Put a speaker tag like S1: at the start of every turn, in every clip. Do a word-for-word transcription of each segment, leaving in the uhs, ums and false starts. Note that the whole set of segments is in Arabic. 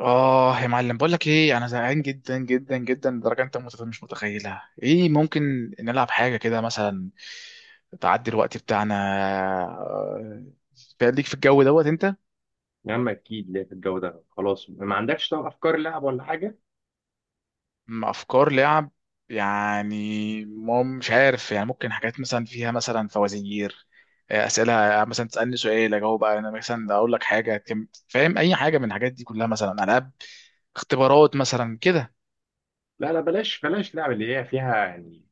S1: اه، يا معلم، بقول لك ايه، انا زهقان جدا جدا جدا لدرجه انت متف- مش متخيلها. ايه ممكن نلعب حاجه كده؟ مثلا تعدي الوقت بتاعنا. آه، ليك في الجو دوت. انت
S2: يا عم، اكيد ليه في الجو ده. خلاص ما عندكش طب افكار لعب ولا حاجه؟
S1: مع افكار لعب؟ يعني ما- مش عارف. يعني ممكن حاجات، مثلا فيها مثلا فوازير، آه، اسئله، آه، مثلا تسالني سؤال اجاوب انا، مثلا اقول لك حاجه كم- فاهم؟ اي حاجه من الحاجات دي كلها، مثلا العاب، اختبارات مثلا كده.
S2: لا لا، بلاش بلاش لعب اللي هي فيها يعني،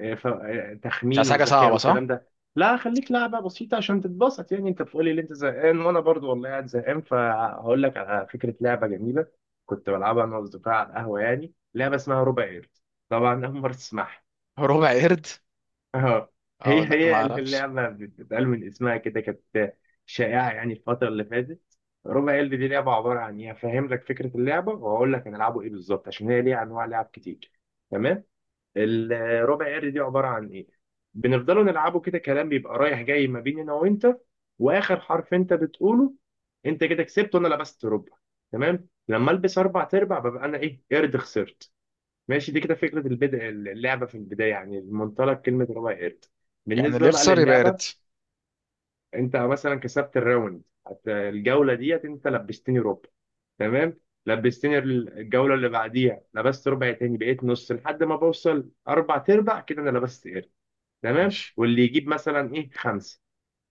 S2: آه، ف- آه،
S1: مش
S2: تخمين
S1: عايز حاجه
S2: وذكاء
S1: صعبه،
S2: والكلام
S1: صح؟
S2: ده. لا، خليك لعبه بسيطه عشان تتبسط. يعني انت بتقولي ان انت زهقان وانا برضو والله قاعد زهقان، فهقول لك على فكره لعبه جميله كنت بلعبها انا واصدقائي على القهوه، يعني لعبه اسمها ربع قرد. طبعا اول مره تسمعها.
S1: ربع قرد.
S2: اه،
S1: اه
S2: هي
S1: لا، ما
S2: هي
S1: اعرفش.
S2: اللعبة بتتقال من اسمها كده. كانت شائعة يعني الفترة اللي فاتت. ربع قلب دي لعبة عبارة عن ايه، هفهم لك فكرة اللعبة وهقول لك هنلعبه ايه بالظبط عشان هي ليها انواع لعب كتير. تمام. الربع قلب دي عبارة عن ايه، بنفضلوا نلعبه كده كلام بيبقى رايح جاي ما بين انا وانت، واخر حرف انت بتقوله انت كده كسبت وانا لبست ربع. تمام. لما البس اربع تربع ببقى انا ايه، قرد، خسرت. ماشي، دي كده فكرة البدء اللعبة في البداية، يعني المنطلق كلمة ربع قرد.
S1: يعني
S2: بالنسبة
S1: اللي
S2: بقى
S1: يخسر يبقى
S2: للعبة،
S1: يرد؟
S2: أنت مثلا كسبت الراوند، هت- الجولة ديت أنت لبستني ربع. تمام. لبستني ال- الجولة اللي بعديها لبست ربع تاني بقيت نص، لحد ما بوصل أربع أرباع كده أنا لبست قرد. تمام.
S1: ماشي.
S2: واللي يجيب مثلا إيه، خمسة.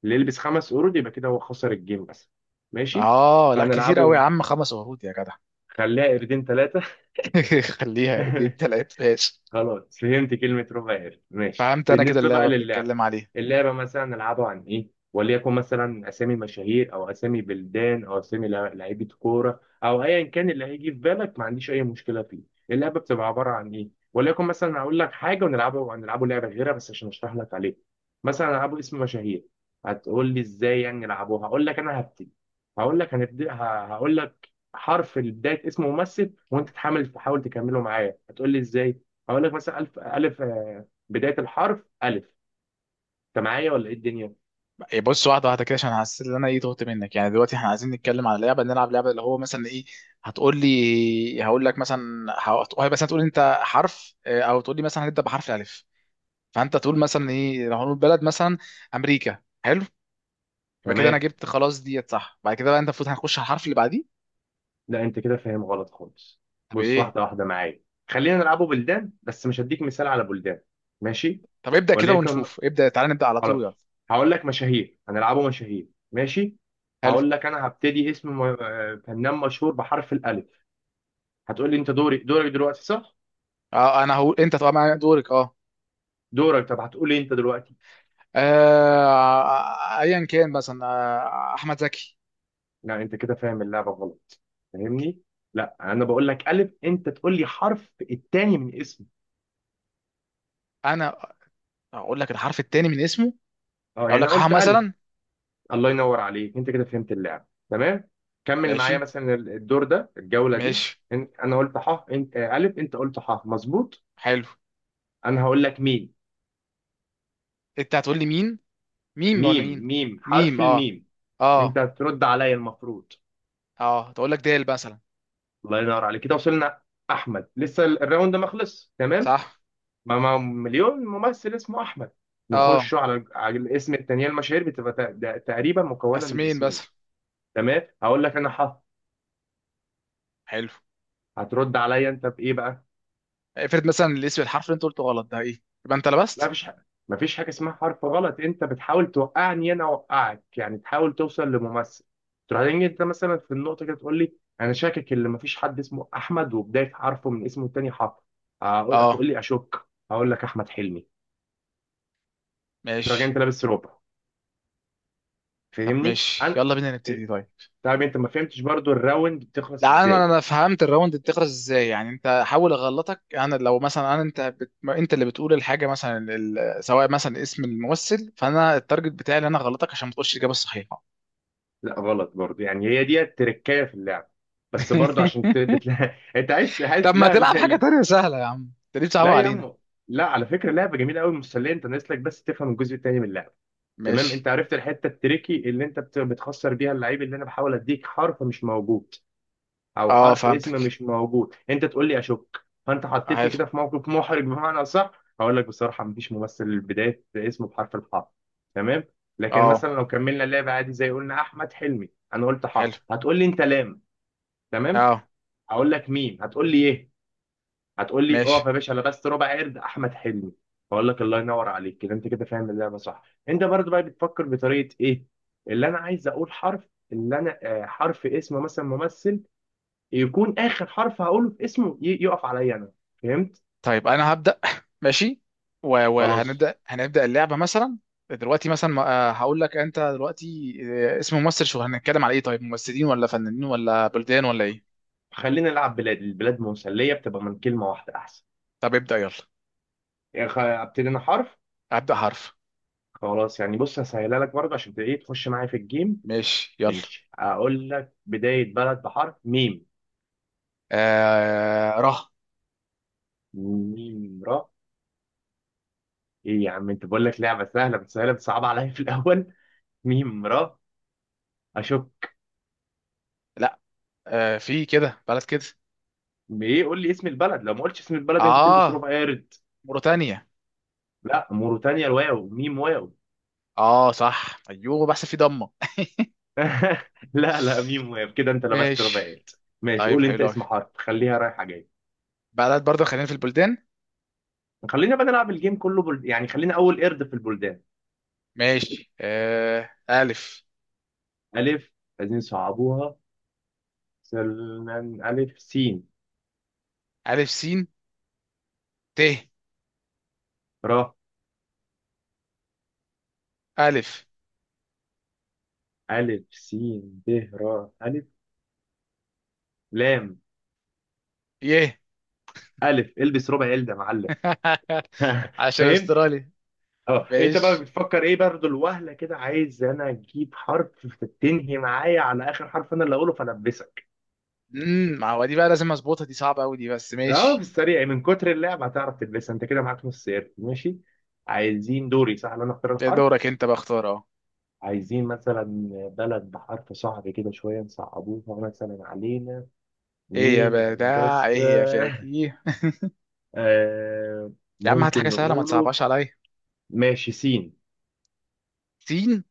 S2: اللي يلبس خمس قرود يبقى كده هو خسر الجيم مثلا. ماشي.
S1: اه لا، كتير قوي يا
S2: فهنلعبهم
S1: عم، خمس ورود يا جدع.
S2: خليها قردين ثلاثة.
S1: خليها دي التلاتة، ماشي.
S2: خلاص فهمت كلمة ربع قرد. ماشي،
S1: فهمت انا كده
S2: بالنسبة بقى
S1: اللعبه
S2: للعبة،
S1: بتتكلم عليه.
S2: اللعبة مثلا نلعبها عن إيه؟ وليكن مثلا أسامي مشاهير، أو أسامي بلدان، أو أسامي لع- لعيبة كورة، أو أيا كان اللي هيجي في بالك، ما عنديش أي مشكلة فيه. اللعبة بتبقى عبارة عن إيه؟ وليكن مثلا أقول لك حاجة، ونلعبه نلعبه لعبة غيرها بس عشان أشرح لك عليها. مثلا ألعبه اسم مشاهير. هتقول لي إزاي يعني نلعبوها، هقول لك أنا هبتدي. هقول لك هنبدأ، ه- هقول لك حرف بداية اسم ممثل، وأنت تحاول تحاول تكمله معايا. هتقول لي إزاي؟ هقول لك مثلا ألف ألف، آه، بداية الحرف ألف. أنت معايا ولا إيه الدنيا؟
S1: إيه، بص واحده واحده كده، عشان حاسس ان انا ايه تهت منك. يعني دلوقتي احنا عايزين نتكلم على لعبه، نلعب لعبه اللي هو مثلا ايه. هتقول لي هقول لك مثلا. هتقول مثلا، تقول انت حرف، آه، او تقول لي مثلا هنبدا بحرف الالف. فانت تقول مثلا ايه، لو هنقول بلد مثلا امريكا. حلو. يبقى كده
S2: تمام.
S1: انا جبت خلاص ديت، صح؟ بعد كده بقى انت المفروض هنخش على الحرف اللي بعديه.
S2: لا، أنت كده فاهم غلط خالص.
S1: طب
S2: بص،
S1: ايه؟
S2: واحدة واحدة معايا. خلينا نلعبه بلدان، بس مش هديك مثال على بلدان. ماشي،
S1: طب ابدأ كده
S2: وليكن،
S1: ونشوف، ابدأ، تعال نبدأ على طول،
S2: خلاص.
S1: يلا.
S2: هقول لك مشاهير، هنلعبه مشاهير، ماشي.
S1: حلو.
S2: هقول لك أنا هبتدي اسم م- آه، فنان مشهور بحرف الألف. هتقول لي أنت دوري دورك دلوقتي صح؟
S1: آه انا هقول انت طبعا دورك، اه.
S2: دورك. طب هتقول لي أنت دلوقتي.
S1: آه، ايا كان، مثلا آه، احمد زكي.
S2: لا، انت كده فاهم اللعبه غلط، فاهمني؟ لا، انا بقول لك الف، انت تقول لي حرف التاني من اسمه.
S1: انا اقول لك الحرف الثاني من اسمه،
S2: اه،
S1: اقول
S2: يعني
S1: لك
S2: انا
S1: ح
S2: قلت الف.
S1: مثلا.
S2: الله ينور عليك، انت كده فهمت اللعبه. تمام، كمل معايا
S1: ماشي،
S2: مثلا، الدور ده الجوله دي.
S1: ماشي.
S2: ان- انا قلت ح، انت آه، الف، انت قلت ح، مظبوط.
S1: حلو.
S2: انا هقول لك ميم.
S1: انت هتقول لي مين؟ ميم ولا
S2: ميم
S1: مين؟
S2: ميم،
S1: ميم،
S2: حرف
S1: اه.
S2: الميم.
S1: اه.
S2: انت هترد عليا المفروض.
S1: اه، تقول لك دال مثلا.
S2: الله ينور عليك، كده وصلنا. احمد، لسه الراوند ده ما خلص، تمام.
S1: صح.
S2: ما ما مليون ممثل اسمه احمد.
S1: اه،
S2: نخش على على الاسم التانيين. المشاهير بتبقى تق- ده تقريبا مكونه من
S1: اسمين بس.
S2: اسمين. تمام. هقول لك انا حرف،
S1: حلو.
S2: هترد عليا انت بايه بقى؟
S1: افرض مثلا الاسم الحرف اللي انت قلته غلط، ده ايه؟ يبقى انت
S2: لا،
S1: لبست.
S2: مفيش حاجه، مفيش حاجه اسمها حرف غلط. انت بتحاول توقعني، انا اوقعك يعني، تحاول توصل لممثل. تروح تيجي انت مثلا في النقطه كده تقول لي انا شاكك ان مفيش حد اسمه احمد، وبدايه حرفه من اسمه التاني حرف. هقول
S1: اه،
S2: تقول لي اشك، هقول لك احمد حلمي. تروح جاي
S1: ماشي.
S2: انت لابس ربع،
S1: طب
S2: فاهمني
S1: ماشي،
S2: انا؟
S1: يلا بينا نبتدي، طيب.
S2: طب انت ما فهمتش برضو الراوند بتخلص
S1: لا انا
S2: ازاي؟
S1: انا فهمت الراوند بتخلص ازاي. يعني انت حاول اغلطك انا. لو مثلا انا انت بت... انت اللي بتقول الحاجه مثلا، ال... سواء مثلا اسم الممثل، فانا التارجت بتاعي اللي انا اغلطك، عشان ما تقولش الاجابه الصحيحه.
S2: لا غلط برضو، يعني هي دي التركية في اللعب. بس برضو عشان ت... بتلا... انت عايز عايز.
S1: طب ما
S2: لا
S1: تلعب
S2: لا،
S1: حاجه
S2: لا.
S1: تانية سهله يا عم، انت ليه
S2: لا
S1: بتصعبها
S2: يا
S1: علينا؟
S2: عم. لا، على فكرة لعبة جميلة قوي مسلية. انت ناقص لك بس تفهم الجزء التاني من اللعبة. تمام،
S1: ماشي،
S2: انت عرفت الحتة التريكي اللي انت بت... بتخسر بيها. اللعيب اللي انا بحاول اديك حرف مش موجود، او
S1: اه
S2: حرف اسم
S1: فهمتك.
S2: مش موجود، انت تقول لي اشك، فانت حطيتني
S1: حلو.
S2: كده في موقف محرج بمعنى اصح. هقول لك بصراحه مفيش ممثل بدايه اسمه بحرف الحاء. تمام. لكن
S1: اه،
S2: مثلا لو كملنا اللعب عادي، زي قلنا احمد حلمي، انا قلت
S1: حلو،
S2: حاء هتقول لي انت لام. تمام.
S1: اه،
S2: هقول لك ميم هتقول لي ايه، هتقول لي اقف
S1: ماشي.
S2: يا باشا، لبست ربع قرد، احمد حلمي. هقول لك الله ينور عليك، كده انت كده فاهم اللعبه صح. انت برضو بقى بتفكر بطريقه ايه، اللي انا عايز اقول حرف، اللي انا آه، حرف اسم مثلا ممثل يكون اخر حرف هقوله في اسمه ي- يقف عليا انا. فهمت؟
S1: طيب انا هبدا. ماشي. و-
S2: خلاص،
S1: وهنبدا هنبدا اللعبه مثلا. دلوقتي مثلا، ما- آه، هقول لك انت دلوقتي آه، اسم ممثل. شو هنتكلم على ايه؟ طيب ممثلين ولا فنانين ولا بلدان ولا ايه؟
S2: خلينا نلعب بلاد. البلاد مسليه بتبقى من كلمه واحده احسن.
S1: طب ابدا يلا.
S2: يعني خ- ابتدي انا حرف.
S1: ابدا حرف.
S2: خلاص، يعني بص، هسهلها لك برضه عشان تبقى ايه، تخش معايا في الجيم.
S1: ماشي يلا.
S2: ماشي، اقول لك بدايه بلد بحرف ميم.
S1: آه ره.
S2: ميم را. ايه يا عم، انت بقول لك لعبه سهله بس، سهله بتصعب عليا في الاول. ميم را. اشوف.
S1: لا. آه، في كده بلد كده.
S2: ايه، قول لي اسم البلد، لو ما قلتش اسم البلد انت تلبس
S1: اه،
S2: ربع قارد.
S1: موريتانيا.
S2: لا موريتانيا الواو، ميم واو.
S1: اه صح، ايوه، بحسب في ضمه.
S2: لا لا، ميم واقف كده، انت لبست
S1: ماشي.
S2: رباعيات. ماشي،
S1: طيب
S2: قول انت
S1: حلو قوي،
S2: اسم حرف، خليها رايحه جايه.
S1: بلد برضه، خلينا في البلدان.
S2: خلينا بقى نلعب الجيم كله بل... يعني خلينا اول قرد في البلدان.
S1: ماشي، آه الف.
S2: الف. عايزين صعبوها. سلمان، الف سين،
S1: الف سين ت.
S2: را
S1: ألف
S2: الف سين ب، را الف لام.
S1: يه.
S2: الف، البس ربع ال ده يا معلم.
S1: عشان
S2: فهمت.
S1: أسترالي.
S2: اه، انت بقى
S1: ماشي.
S2: بتفكر ايه برضه الوهله كده، عايز انا اجيب حرف تنهي معايا على اخر حرف انا اللي اقوله فالبسك.
S1: امم ما هو دي بقى لازم أظبطها، دي صعبة أوي دي، بس
S2: اه، في
S1: ماشي.
S2: السريع من كتر اللعب هتعرف تلبسها. انت كده معاك نص قرد، ماشي. عايزين دوري صح اللي انا اختار
S1: ده
S2: الحرف.
S1: دورك أنت بقى، اختار أهو.
S2: عايزين مثلا بلد بحرف صعب كده شويه، نصعبوها مثلا علينا.
S1: إيه يا
S2: مين يا
S1: بدع،
S2: هندسه؟
S1: إيه يا فاكيه.
S2: آه
S1: يا عم هات حاجة
S2: ممكن
S1: سهلة، ما
S2: نقوله.
S1: تصعبهاش عليا.
S2: ماشي، سين.
S1: سين.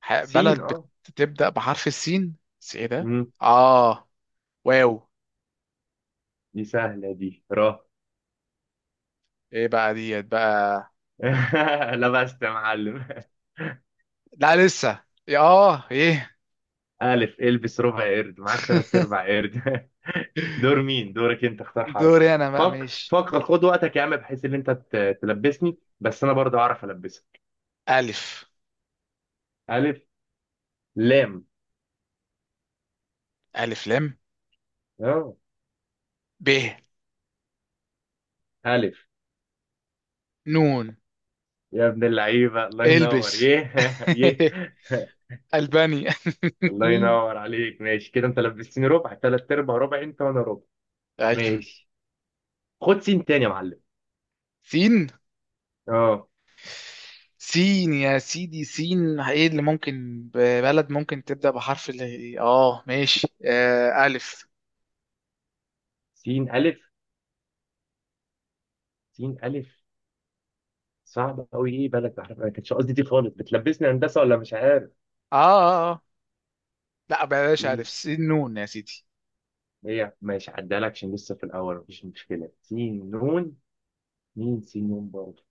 S1: ح-
S2: سين
S1: بلد
S2: اه.
S1: بتبدأ بحرف السين، بس إيه ده؟
S2: مم.
S1: آه، واو.
S2: دي سهله دي. را.
S1: إيه بقى ديت بقى.
S2: لبست يا معلم.
S1: لا لسه يا آه إيه.
S2: ألف. البس ربع قرد، معاك تلات أرباع قرد. دور مين، دورك أنت، اختار حرف.
S1: دوري أنا بقى،
S2: فك
S1: ماشي.
S2: فكر، خد وقتك يا عم، بحيث إن أنت ت- تلبسني بس أنا برضه أعرف ألبسك.
S1: ألف.
S2: ألف لام.
S1: ألف لام.
S2: أه.
S1: ب.
S2: ألف.
S1: نون.
S2: يا ابن اللعيبة، الله ينور.
S1: البس.
S2: يه. يه.
S1: الباني.
S2: الله ينور عليك، ماشي كده. أنت لبستني ربع، تلات أرباع ربع أنت وأنا ربع.
S1: ايوه.
S2: ماشي، خد سين تاني يا معلم.
S1: سين.
S2: أه.
S1: سين يا سيدي. سين ايه اللي ممكن، ب- بلد ممكن تبدأ بحرف اللي اه. ماشي، آه ألف.
S2: سين ألف. سين ألف صعب قوي، ايه بلد بحرف، انا كانش قصدي دي خالص، بتلبسني هندسه ولا مش عارف
S1: اه, آه, آه. لا بلاش،
S2: ايه.
S1: ألف سين نون يا سيدي.
S2: هي ماشي عدالك عشان لسه في الأول مفيش مشكلة. سين نون. مين سين نون برضه؟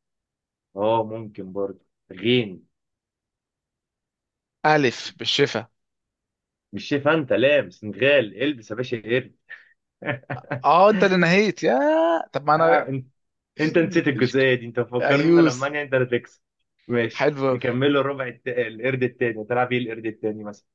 S2: اه ممكن برضه. غين.
S1: ألف بالشفا.
S2: مش شايف انت لام سنغال، البس يا باشا قرد.
S1: اه انت اللي نهيت يا. طب ما انا.
S2: آه، انت انت نسيت
S1: مش ك-
S2: الجزئية دي، انت مفكرني ان
S1: ايوس.
S2: المانيا انت اللي تكسب. ماشي.
S1: حلو أوي.
S2: نكمله الربع الت... القرد التاني، تلعب ايه القرد التاني مثلا.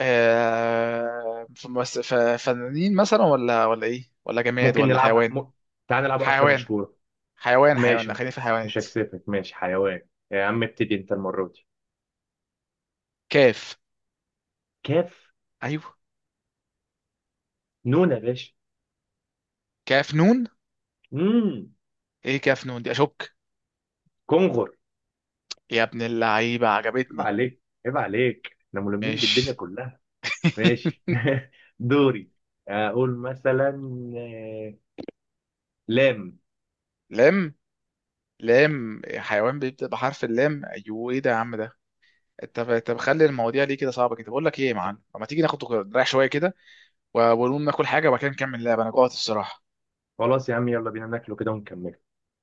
S1: آه... فمس- ف- فنانين مثلا، ولا ولا ايه، ولا جماد،
S2: ممكن
S1: ولا
S2: نلعب
S1: حيوان؟
S2: م... تعال نلعب أكلة
S1: حيوان.
S2: مشهورة.
S1: حيوان، حيوان، لا
S2: ماشي،
S1: خلينا في
S2: مش
S1: الحيوانات.
S2: هكسفك. ماشي حيوان، يا عم ابتدي انت المرة دي.
S1: كاف.
S2: كاف
S1: ايوه.
S2: نون يا باشا.
S1: كاف نون.
S2: امم
S1: ايه كاف نون دي؟ اشك.
S2: كونغر.
S1: يا ابن اللعيبه،
S2: عيب
S1: عجبتني.
S2: عليك، عيب عليك، احنا ملمين بالدنيا
S1: ماشي.
S2: كلها. ماشي. دوري، اقول مثلا آه، لام.
S1: لم. لم؟ حيوان بيبدأ بحرف اللام؟ ايوه، ايه ده يا عم ده؟ طب طب خلي المواضيع ليه كده صعبه كده؟ بقول لك ايه يا معلم، طب ما تيجي ناخد نريح شويه كده، و- ونقوم ناكل حاجه، وبعد كده نكمل اللعبه. انا جوعت الصراحه.
S2: خلاص يا عم، يلا بينا ناكله كده ونكمل.